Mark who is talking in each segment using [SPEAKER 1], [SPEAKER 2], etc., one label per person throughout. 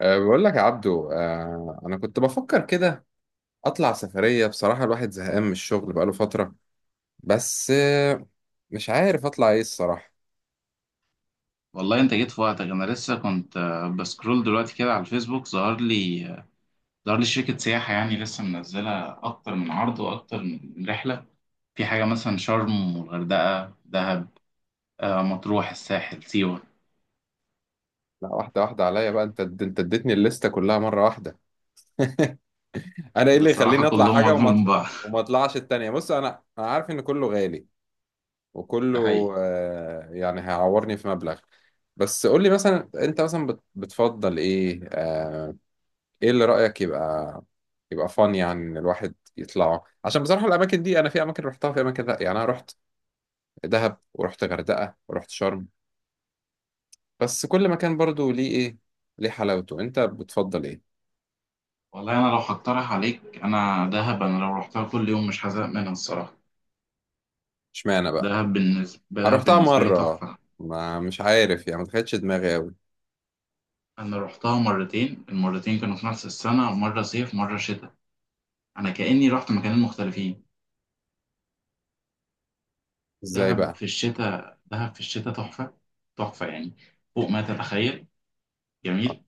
[SPEAKER 1] بقول لك يا عبدو، أنا كنت بفكر كده أطلع سفرية. بصراحة الواحد زهقان من الشغل بقاله فترة، بس مش عارف أطلع إيه الصراحة.
[SPEAKER 2] والله انت جيت في وقتك، انا لسه كنت بسكرول دلوقتي كده على الفيسبوك. ظهر لي شركة سياحة يعني لسه منزلة اكتر من عرض واكتر من رحلة. في حاجة مثلا شرم والغردقة دهب، مطروح الساحل سيوة.
[SPEAKER 1] لا، واحدة واحدة عليا بقى، أنت اديتني الليستة كلها مرة واحدة. أنا إيه اللي
[SPEAKER 2] بصراحة
[SPEAKER 1] يخليني أطلع
[SPEAKER 2] كلهم
[SPEAKER 1] حاجة وما
[SPEAKER 2] اجمل من
[SPEAKER 1] أطلع
[SPEAKER 2] بعض.
[SPEAKER 1] وما أطلعش التانية؟ بص، أنا عارف إن كله غالي
[SPEAKER 2] ده
[SPEAKER 1] وكله
[SPEAKER 2] حقيقي.
[SPEAKER 1] يعني هيعورني في مبلغ، بس قول لي مثلا أنت مثلا بتفضل إيه؟ ايه اللي رأيك يبقى فن يعني ان الواحد يطلعه؟ عشان بصراحة الاماكن دي انا في اماكن رحتها، في اماكن لا. يعني انا رحت دهب ورحت غردقة ورحت شرم، بس كل مكان برضو ليه ايه، ليه حلاوته. انت بتفضل ايه؟
[SPEAKER 2] والله انا لو هقترح عليك انا دهب، انا لو رحتها كل يوم مش هزهق منها الصراحة.
[SPEAKER 1] اشمعنى بقى؟
[SPEAKER 2] دهب بالنسبة
[SPEAKER 1] انا
[SPEAKER 2] دهب
[SPEAKER 1] رحتها
[SPEAKER 2] بالنسبة لي
[SPEAKER 1] مرة،
[SPEAKER 2] تحفة.
[SPEAKER 1] ما مش عارف يعني، ما دخلتش دماغي قوي.
[SPEAKER 2] انا رحتها مرتين، المرتين كانوا في نفس السنة، مرة صيف مرة شتاء. انا كأني رحت مكانين مختلفين.
[SPEAKER 1] ازاي
[SPEAKER 2] دهب
[SPEAKER 1] بقى؟
[SPEAKER 2] في الشتاء دهب في الشتاء تحفة. تحفة يعني، فوق ما تتخيل. جميل.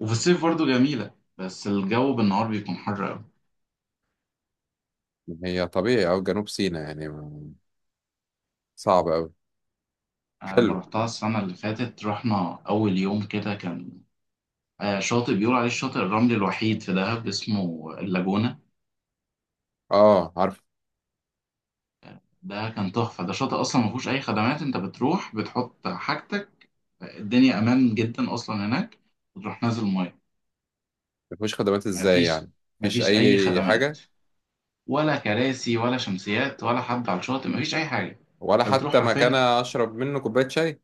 [SPEAKER 2] وفي الصيف برضه جميلة، بس الجو بالنهار بيكون حر أوي.
[SPEAKER 1] هي طبيعي او جنوب سيناء يعني صعب قوي.
[SPEAKER 2] لما
[SPEAKER 1] حلو.
[SPEAKER 2] رحتها السنة اللي فاتت رحنا أول يوم كده كان شاطئ بيقول عليه الشاطئ الرملي الوحيد في دهب، اسمه اللاجونة.
[SPEAKER 1] اه عارف.
[SPEAKER 2] ده كان تحفة. ده شاطئ أصلا ما فيهوش أي خدمات. أنت بتروح بتحط حاجتك، الدنيا أمان جدا أصلا هناك، وتروح نازل مية.
[SPEAKER 1] مفيش خدمات ازاي
[SPEAKER 2] مفيش
[SPEAKER 1] يعني؟ مفيش
[SPEAKER 2] مفيش أي
[SPEAKER 1] اي
[SPEAKER 2] خدمات،
[SPEAKER 1] حاجة؟
[SPEAKER 2] ولا كراسي ولا شمسيات ولا حد على الشاطئ، مفيش اي حاجه.
[SPEAKER 1] ولا
[SPEAKER 2] انت بتروح
[SPEAKER 1] حتى مكان
[SPEAKER 2] حرفيا،
[SPEAKER 1] اشرب منه كوباية شاي؟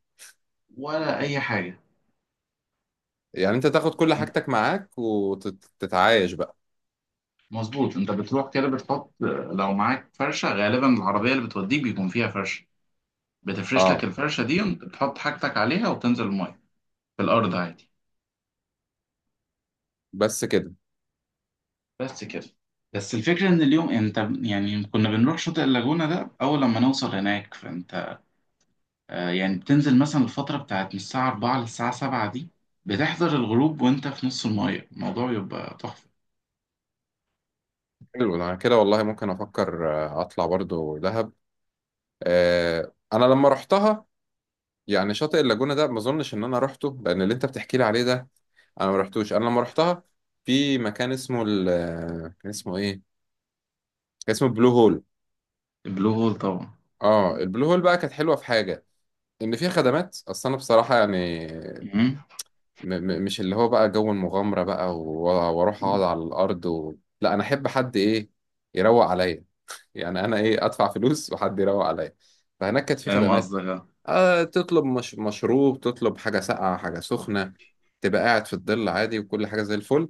[SPEAKER 2] ولا اي حاجه.
[SPEAKER 1] يعني انت تاخد كل
[SPEAKER 2] انت
[SPEAKER 1] حاجتك معاك وتتعايش بقى؟
[SPEAKER 2] مظبوط، انت بتروح كده بتحط، لو معاك فرشه. غالبا العربيه اللي بتوديك بيكون فيها فرشه، بتفرش لك
[SPEAKER 1] اه.
[SPEAKER 2] الفرشه دي وانت بتحط حاجتك عليها وبتنزل الميه. في الارض عادي.
[SPEAKER 1] بس كده؟
[SPEAKER 2] بس كده. بس الفكره ان اليوم انت يعني كنا بنروح شاطئ اللاجونه ده، اول لما نوصل هناك فانت يعني بتنزل مثلا الفتره بتاعت من الساعه 4 للساعه 7 دي، بتحضر الغروب وانت في نص الميه، الموضوع يبقى تحفه.
[SPEAKER 1] حلو، انا كده والله ممكن افكر، اطلع برضو دهب. آه انا لما رحتها، يعني شاطئ اللاجونة ده ما اظنش ان انا رحته، لان اللي انت بتحكي لي عليه ده انا ما رحتوش. انا لما رحتها في مكان اسمه ال كان اسمه ايه، كان اسمه بلو هول.
[SPEAKER 2] بلو هول طبعا.
[SPEAKER 1] اه، البلو هول بقى كانت حلوه في حاجه، ان فيها خدمات. اصل انا بصراحه يعني
[SPEAKER 2] مم.
[SPEAKER 1] م م مش اللي هو بقى جو المغامرة بقى واروح اقعد على الارض لا، انا احب حد ايه، يروق عليا. يعني انا ايه، ادفع فلوس وحد يروق عليا. فهناك كانت في
[SPEAKER 2] فاهم
[SPEAKER 1] خدمات.
[SPEAKER 2] قصدك، اه.
[SPEAKER 1] آه تطلب مش... مشروب، تطلب حاجة ساقعة، حاجة سخنة، تبقى قاعد في الظل عادي، وكل حاجة زي الفل.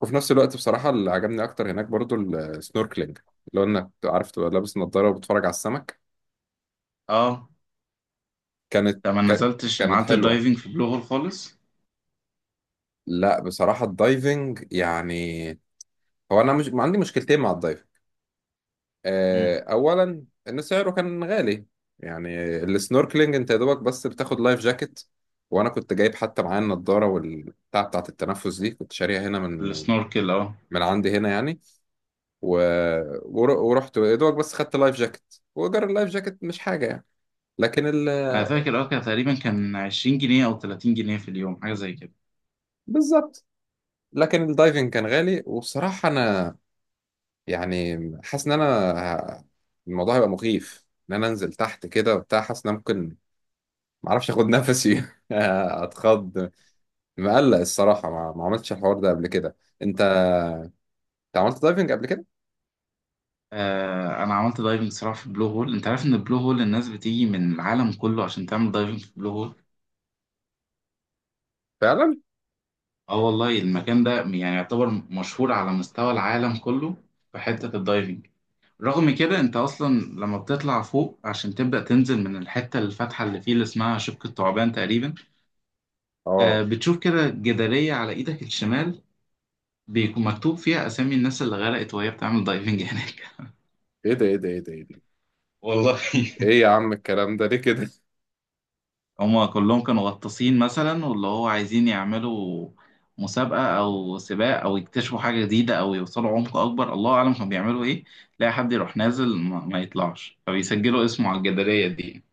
[SPEAKER 1] وفي نفس الوقت بصراحة اللي عجبني اكتر هناك برضو السنوركلينج، اللي هو انك عارف تبقى لابس نظارة وبتتفرج على السمك.
[SPEAKER 2] اه،
[SPEAKER 1] كانت
[SPEAKER 2] انت ما
[SPEAKER 1] ك...
[SPEAKER 2] نزلتش، ما
[SPEAKER 1] كانت
[SPEAKER 2] عملتش
[SPEAKER 1] حلوة.
[SPEAKER 2] دايفنج في بلو هول خالص.
[SPEAKER 1] لا بصراحة الدايفنج يعني، هو انا مش، ما عندي مشكلتين مع الدايفنج.
[SPEAKER 2] مم.
[SPEAKER 1] اولا ان سعره كان غالي. يعني السنوركلينج انت يا دوبك بس بتاخد لايف جاكيت، وانا كنت جايب حتى معايا النضاره والبتاع بتاعت التنفس دي، كنت شاريها هنا
[SPEAKER 2] السنوركل، اه.
[SPEAKER 1] من عندي هنا يعني و... ورحت يا دوبك بس خدت لايف جاكيت، وايجار اللايف جاكيت مش حاجه يعني. لكن ال...
[SPEAKER 2] انا فاكر اه كان تقريبا كان 20 جنيه او 30 جنيه في اليوم، حاجه زي كده.
[SPEAKER 1] بالظبط. لكن الدايفنج كان غالي وبصراحه انا يعني حاسس ان انا ه- الموضوع هيبقى مخيف، ان انا انزل تحت كده وبتاع، حاسس ان انا ممكن معرفش اخد نفسي اتخض. مقلق الصراحة، ما عملتش الحوار ده قبل كده. انت عملت دايفنج قبل كده؟
[SPEAKER 2] انا عملت دايفنج صراحه في بلو هول. انت عارف ان بلو هول الناس بتيجي من العالم كله عشان تعمل دايفنج في بلو هول.
[SPEAKER 1] فعلا.
[SPEAKER 2] اه والله المكان ده يعني يعتبر مشهور على مستوى العالم كله في حته الدايفنج. رغم كده انت اصلا لما بتطلع فوق عشان تبدأ تنزل من الحتة الفاتحة اللي فيه اللي اسمها شبك الثعبان تقريبا،
[SPEAKER 1] اه
[SPEAKER 2] بتشوف كده جدارية على ايدك الشمال، بيكون مكتوب فيها اسامي الناس اللي غرقت وهي بتعمل دايفنج هناك.
[SPEAKER 1] ايه ده، ايه ده، ايه ده، ايه ده؟
[SPEAKER 2] والله،
[SPEAKER 1] ايه يا عم الكلام ده، ليه كده؟
[SPEAKER 2] هما كلهم كانوا غطاسين مثلا، واللي هو عايزين يعملوا مسابقة أو سباق أو يكتشفوا حاجة جديدة أو يوصلوا عمق أكبر، الله أعلم كانوا بيعملوا إيه. تلاقي حد يروح نازل ما يطلعش، فبيسجلوا اسمه على الجدارية دي.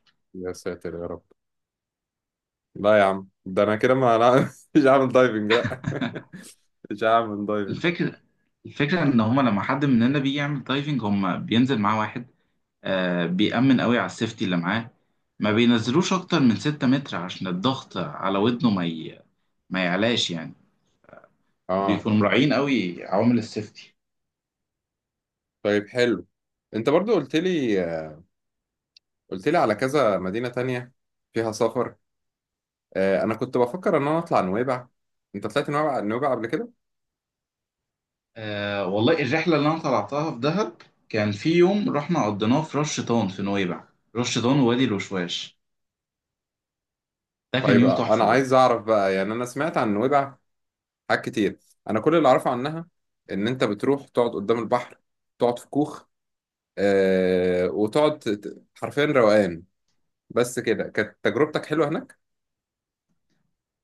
[SPEAKER 1] يا ساتر يا رب. لا يا عم ده انا كده ما لا مش هعمل دايفنج. لا مش هعمل دايفنج.
[SPEAKER 2] الفكرة الفكرة إن هما لما حد مننا بيجي يعمل دايفنج هما بينزل معاه واحد بيأمن قوي على السيفتي اللي معاه. ما بينزلوش أكتر من ستة متر عشان الضغط على ودنه ما يعلاش يعني.
[SPEAKER 1] اه.
[SPEAKER 2] بيكونوا مراعيين قوي عوامل السيفتي.
[SPEAKER 1] طيب حلو. انت برضو قلت لي، قلت لي على كذا مدينة تانية فيها سفر. آه انا كنت بفكر ان انا اطلع نويبع. انت طلعت نويبع، نويبع قبل كده؟
[SPEAKER 2] والله الرحلة اللي أنا طلعتها في دهب كان في يوم رحنا قضيناه في رش شيطان في نويبع. رش شيطان ووادي الوشواش، ده كان
[SPEAKER 1] طيب
[SPEAKER 2] يوم
[SPEAKER 1] انا
[SPEAKER 2] تحفة
[SPEAKER 1] عايز
[SPEAKER 2] برضه.
[SPEAKER 1] اعرف بقى. يعني انا سمعت عن نويبع حاجات كتير. انا كل اللي اعرفه عنها ان انت بتروح تقعد قدام البحر، تقعد في كوخ، وتقعد حرفيا روقان. بس كده كانت تجربتك حلوه هناك؟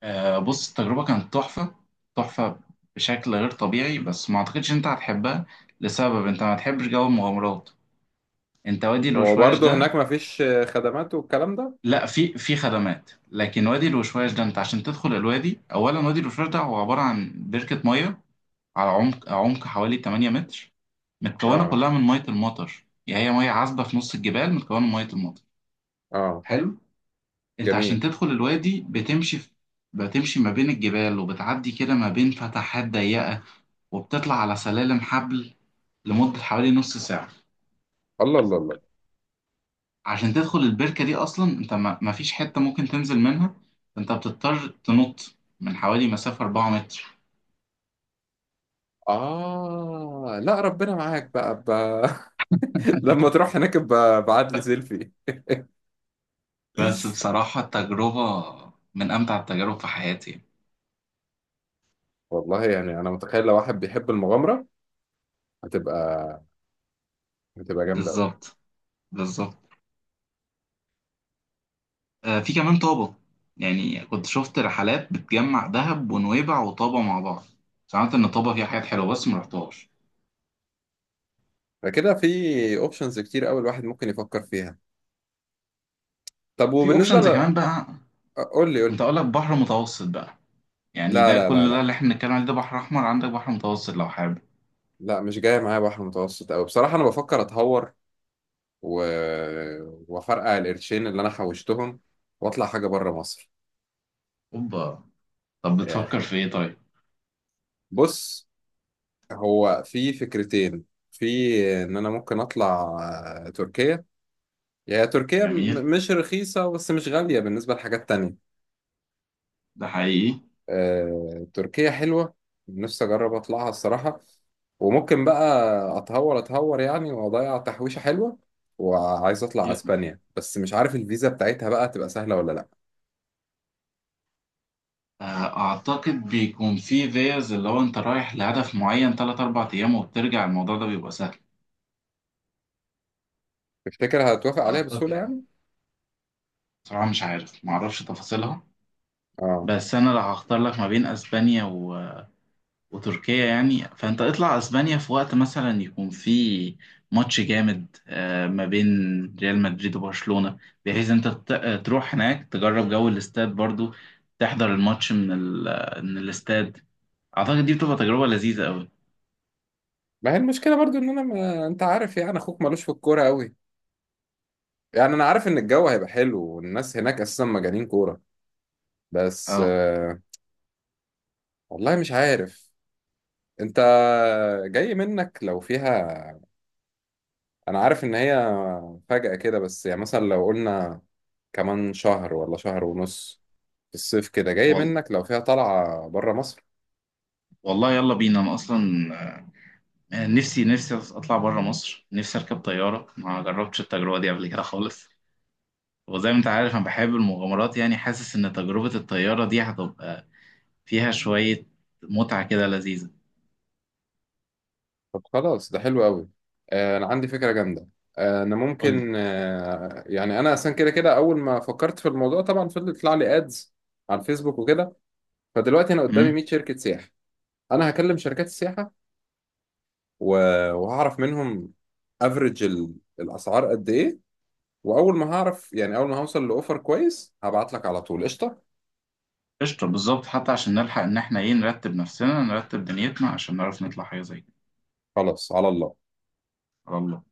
[SPEAKER 2] بص التجربة كانت تحفة. تحفة بشكل غير طبيعي، بس ما اعتقدش إن انت هتحبها، لسبب انت ما تحبش جو المغامرات. انت وادي
[SPEAKER 1] هو
[SPEAKER 2] الوشواش
[SPEAKER 1] برضه هناك
[SPEAKER 2] ده،
[SPEAKER 1] مفيش خدمات والكلام ده؟
[SPEAKER 2] لا في خدمات، لكن وادي الوشواش ده انت عشان تدخل الوادي اولا، وادي الوشواش ده هو عبارة عن بركة مية على عمق حوالي 8 متر، متكونة
[SPEAKER 1] اه.
[SPEAKER 2] كلها من مية المطر، يعني هي مية عذبة في نص الجبال متكونة من مية المطر.
[SPEAKER 1] اه.
[SPEAKER 2] حلو. انت عشان
[SPEAKER 1] جميل.
[SPEAKER 2] تدخل الوادي بتمشي ما بين الجبال وبتعدي كده ما بين فتحات ضيقة، وبتطلع على سلالم حبل، لمدة حوالي نص ساعة.
[SPEAKER 1] الله الله الله.
[SPEAKER 2] عشان تدخل البركة دي أصلا، أنت ما فيش حتة ممكن تنزل منها، أنت بتضطر تنط من حوالي مسافة 4 متر.
[SPEAKER 1] اه لا ربنا معاك بقى. لما تروح هناك ابقى ابعت لي سيلفي.
[SPEAKER 2] بس بصراحة التجربة من أمتع التجارب في حياتي.
[SPEAKER 1] والله يعني انا متخيل لو واحد بيحب المغامره، هتبقى هتبقى جامده قوي.
[SPEAKER 2] بالظبط. بالظبط. في كمان طابة، يعني كنت شفت رحلات بتجمع دهب ونويبع وطابة مع بعض. سمعت إن طابة فيها حاجات حلوة بس ما رحتهاش.
[SPEAKER 1] فكده في اوبشنز كتير قوي الواحد ممكن يفكر فيها. طب
[SPEAKER 2] في
[SPEAKER 1] وبالنسبة
[SPEAKER 2] أوبشنز كمان بقى،
[SPEAKER 1] قول لي، قول لي.
[SPEAKER 2] كنت أقول لك بحر متوسط بقى. يعني
[SPEAKER 1] لا
[SPEAKER 2] ده
[SPEAKER 1] لا لا
[SPEAKER 2] كل ده
[SPEAKER 1] لا،
[SPEAKER 2] اللي احنا بنتكلم عليه ده بحر احمر، عندك بحر متوسط لو حابب.
[SPEAKER 1] لا مش جاية معايا بحر متوسط أوي. بصراحة أنا بفكر أتهور و... وأفرقع القرشين اللي أنا حوشتهم وأطلع حاجة بره مصر.
[SPEAKER 2] اوبا. طب
[SPEAKER 1] آه،
[SPEAKER 2] بتفكر في ايه طيب؟
[SPEAKER 1] بص، هو في فكرتين، في إن أنا ممكن أطلع تركيا. يعني تركيا
[SPEAKER 2] جميل.
[SPEAKER 1] مش رخيصة بس مش غالية بالنسبة لحاجات تانية.
[SPEAKER 2] ده حقيقي.
[SPEAKER 1] تركيا حلوة، نفسي أجرب أطلعها الصراحة. وممكن بقى أتهور، أتهور يعني وأضيع تحويشة حلوة وعايز أطلع
[SPEAKER 2] ي-
[SPEAKER 1] أسبانيا، بس مش عارف الفيزا بتاعتها بقى تبقى سهلة ولا لأ.
[SPEAKER 2] اعتقد بيكون في فيز اللي هو انت رايح لهدف معين 3 4 ايام وبترجع، الموضوع ده بيبقى سهل.
[SPEAKER 1] تفتكر هتوافق عليها بسهولة
[SPEAKER 2] اعتقد.
[SPEAKER 1] يعني؟
[SPEAKER 2] صراحة مش عارف، معرفش تفاصيلها.
[SPEAKER 1] آه.
[SPEAKER 2] بس انا لو هختار لك ما بين اسبانيا وتركيا يعني، فانت اطلع اسبانيا في وقت مثلا يكون في ماتش جامد ما بين ريال مدريد وبرشلونة، بحيث انت تروح هناك تجرب جو الاستاد برضو، تحضر الماتش من الاستاد. اعتقد دي بتبقى تجربة لذيذة قوي.
[SPEAKER 1] ما هي المشكلة برضو إن أنا ما... أنت عارف يعني أخوك ملوش في الكورة أوي. يعني أنا عارف إن الجو هيبقى حلو والناس هناك أساسا مجانين كورة، بس
[SPEAKER 2] اه.
[SPEAKER 1] والله مش عارف. أنت، جاي منك لو فيها. انا عارف ان هي فجأة كده، بس يعني مثلا لو قلنا كمان شهر ولا شهر ونص في الصيف كده، جاي
[SPEAKER 2] وال...
[SPEAKER 1] منك لو فيها طلعة بره مصر؟
[SPEAKER 2] والله يلا بينا، انا اصلا نفسي اطلع بره مصر. نفسي اركب طيارة، ما جربتش التجربة دي قبل كده خالص. وزي ما انت عارف انا بحب المغامرات، يعني حاسس ان تجربة الطيارة دي هتبقى فيها شوية متعة كده لذيذة.
[SPEAKER 1] طب خلاص ده حلو قوي. انا عندي فكرة جامدة. انا
[SPEAKER 2] قول لي.
[SPEAKER 1] ممكن يعني انا اصلا كده كده اول ما فكرت في الموضوع طبعا فضل يطلع لي ادز على الفيسبوك وكده. فدلوقتي انا قدامي
[SPEAKER 2] امم
[SPEAKER 1] 100 شركة سياحة. انا هكلم شركات السياحة وهعرف منهم افريج الاسعار قد ايه، واول ما هعرف يعني اول ما هوصل لاوفر كويس هبعت لك على طول. قشطه.
[SPEAKER 2] قشطة. بالظبط، حتى عشان نلحق إن إحنا إيه، نرتب نفسنا نرتب دنيتنا عشان نعرف نطلع حاجة زي كده.
[SPEAKER 1] خلاص على الله.
[SPEAKER 2] على الله.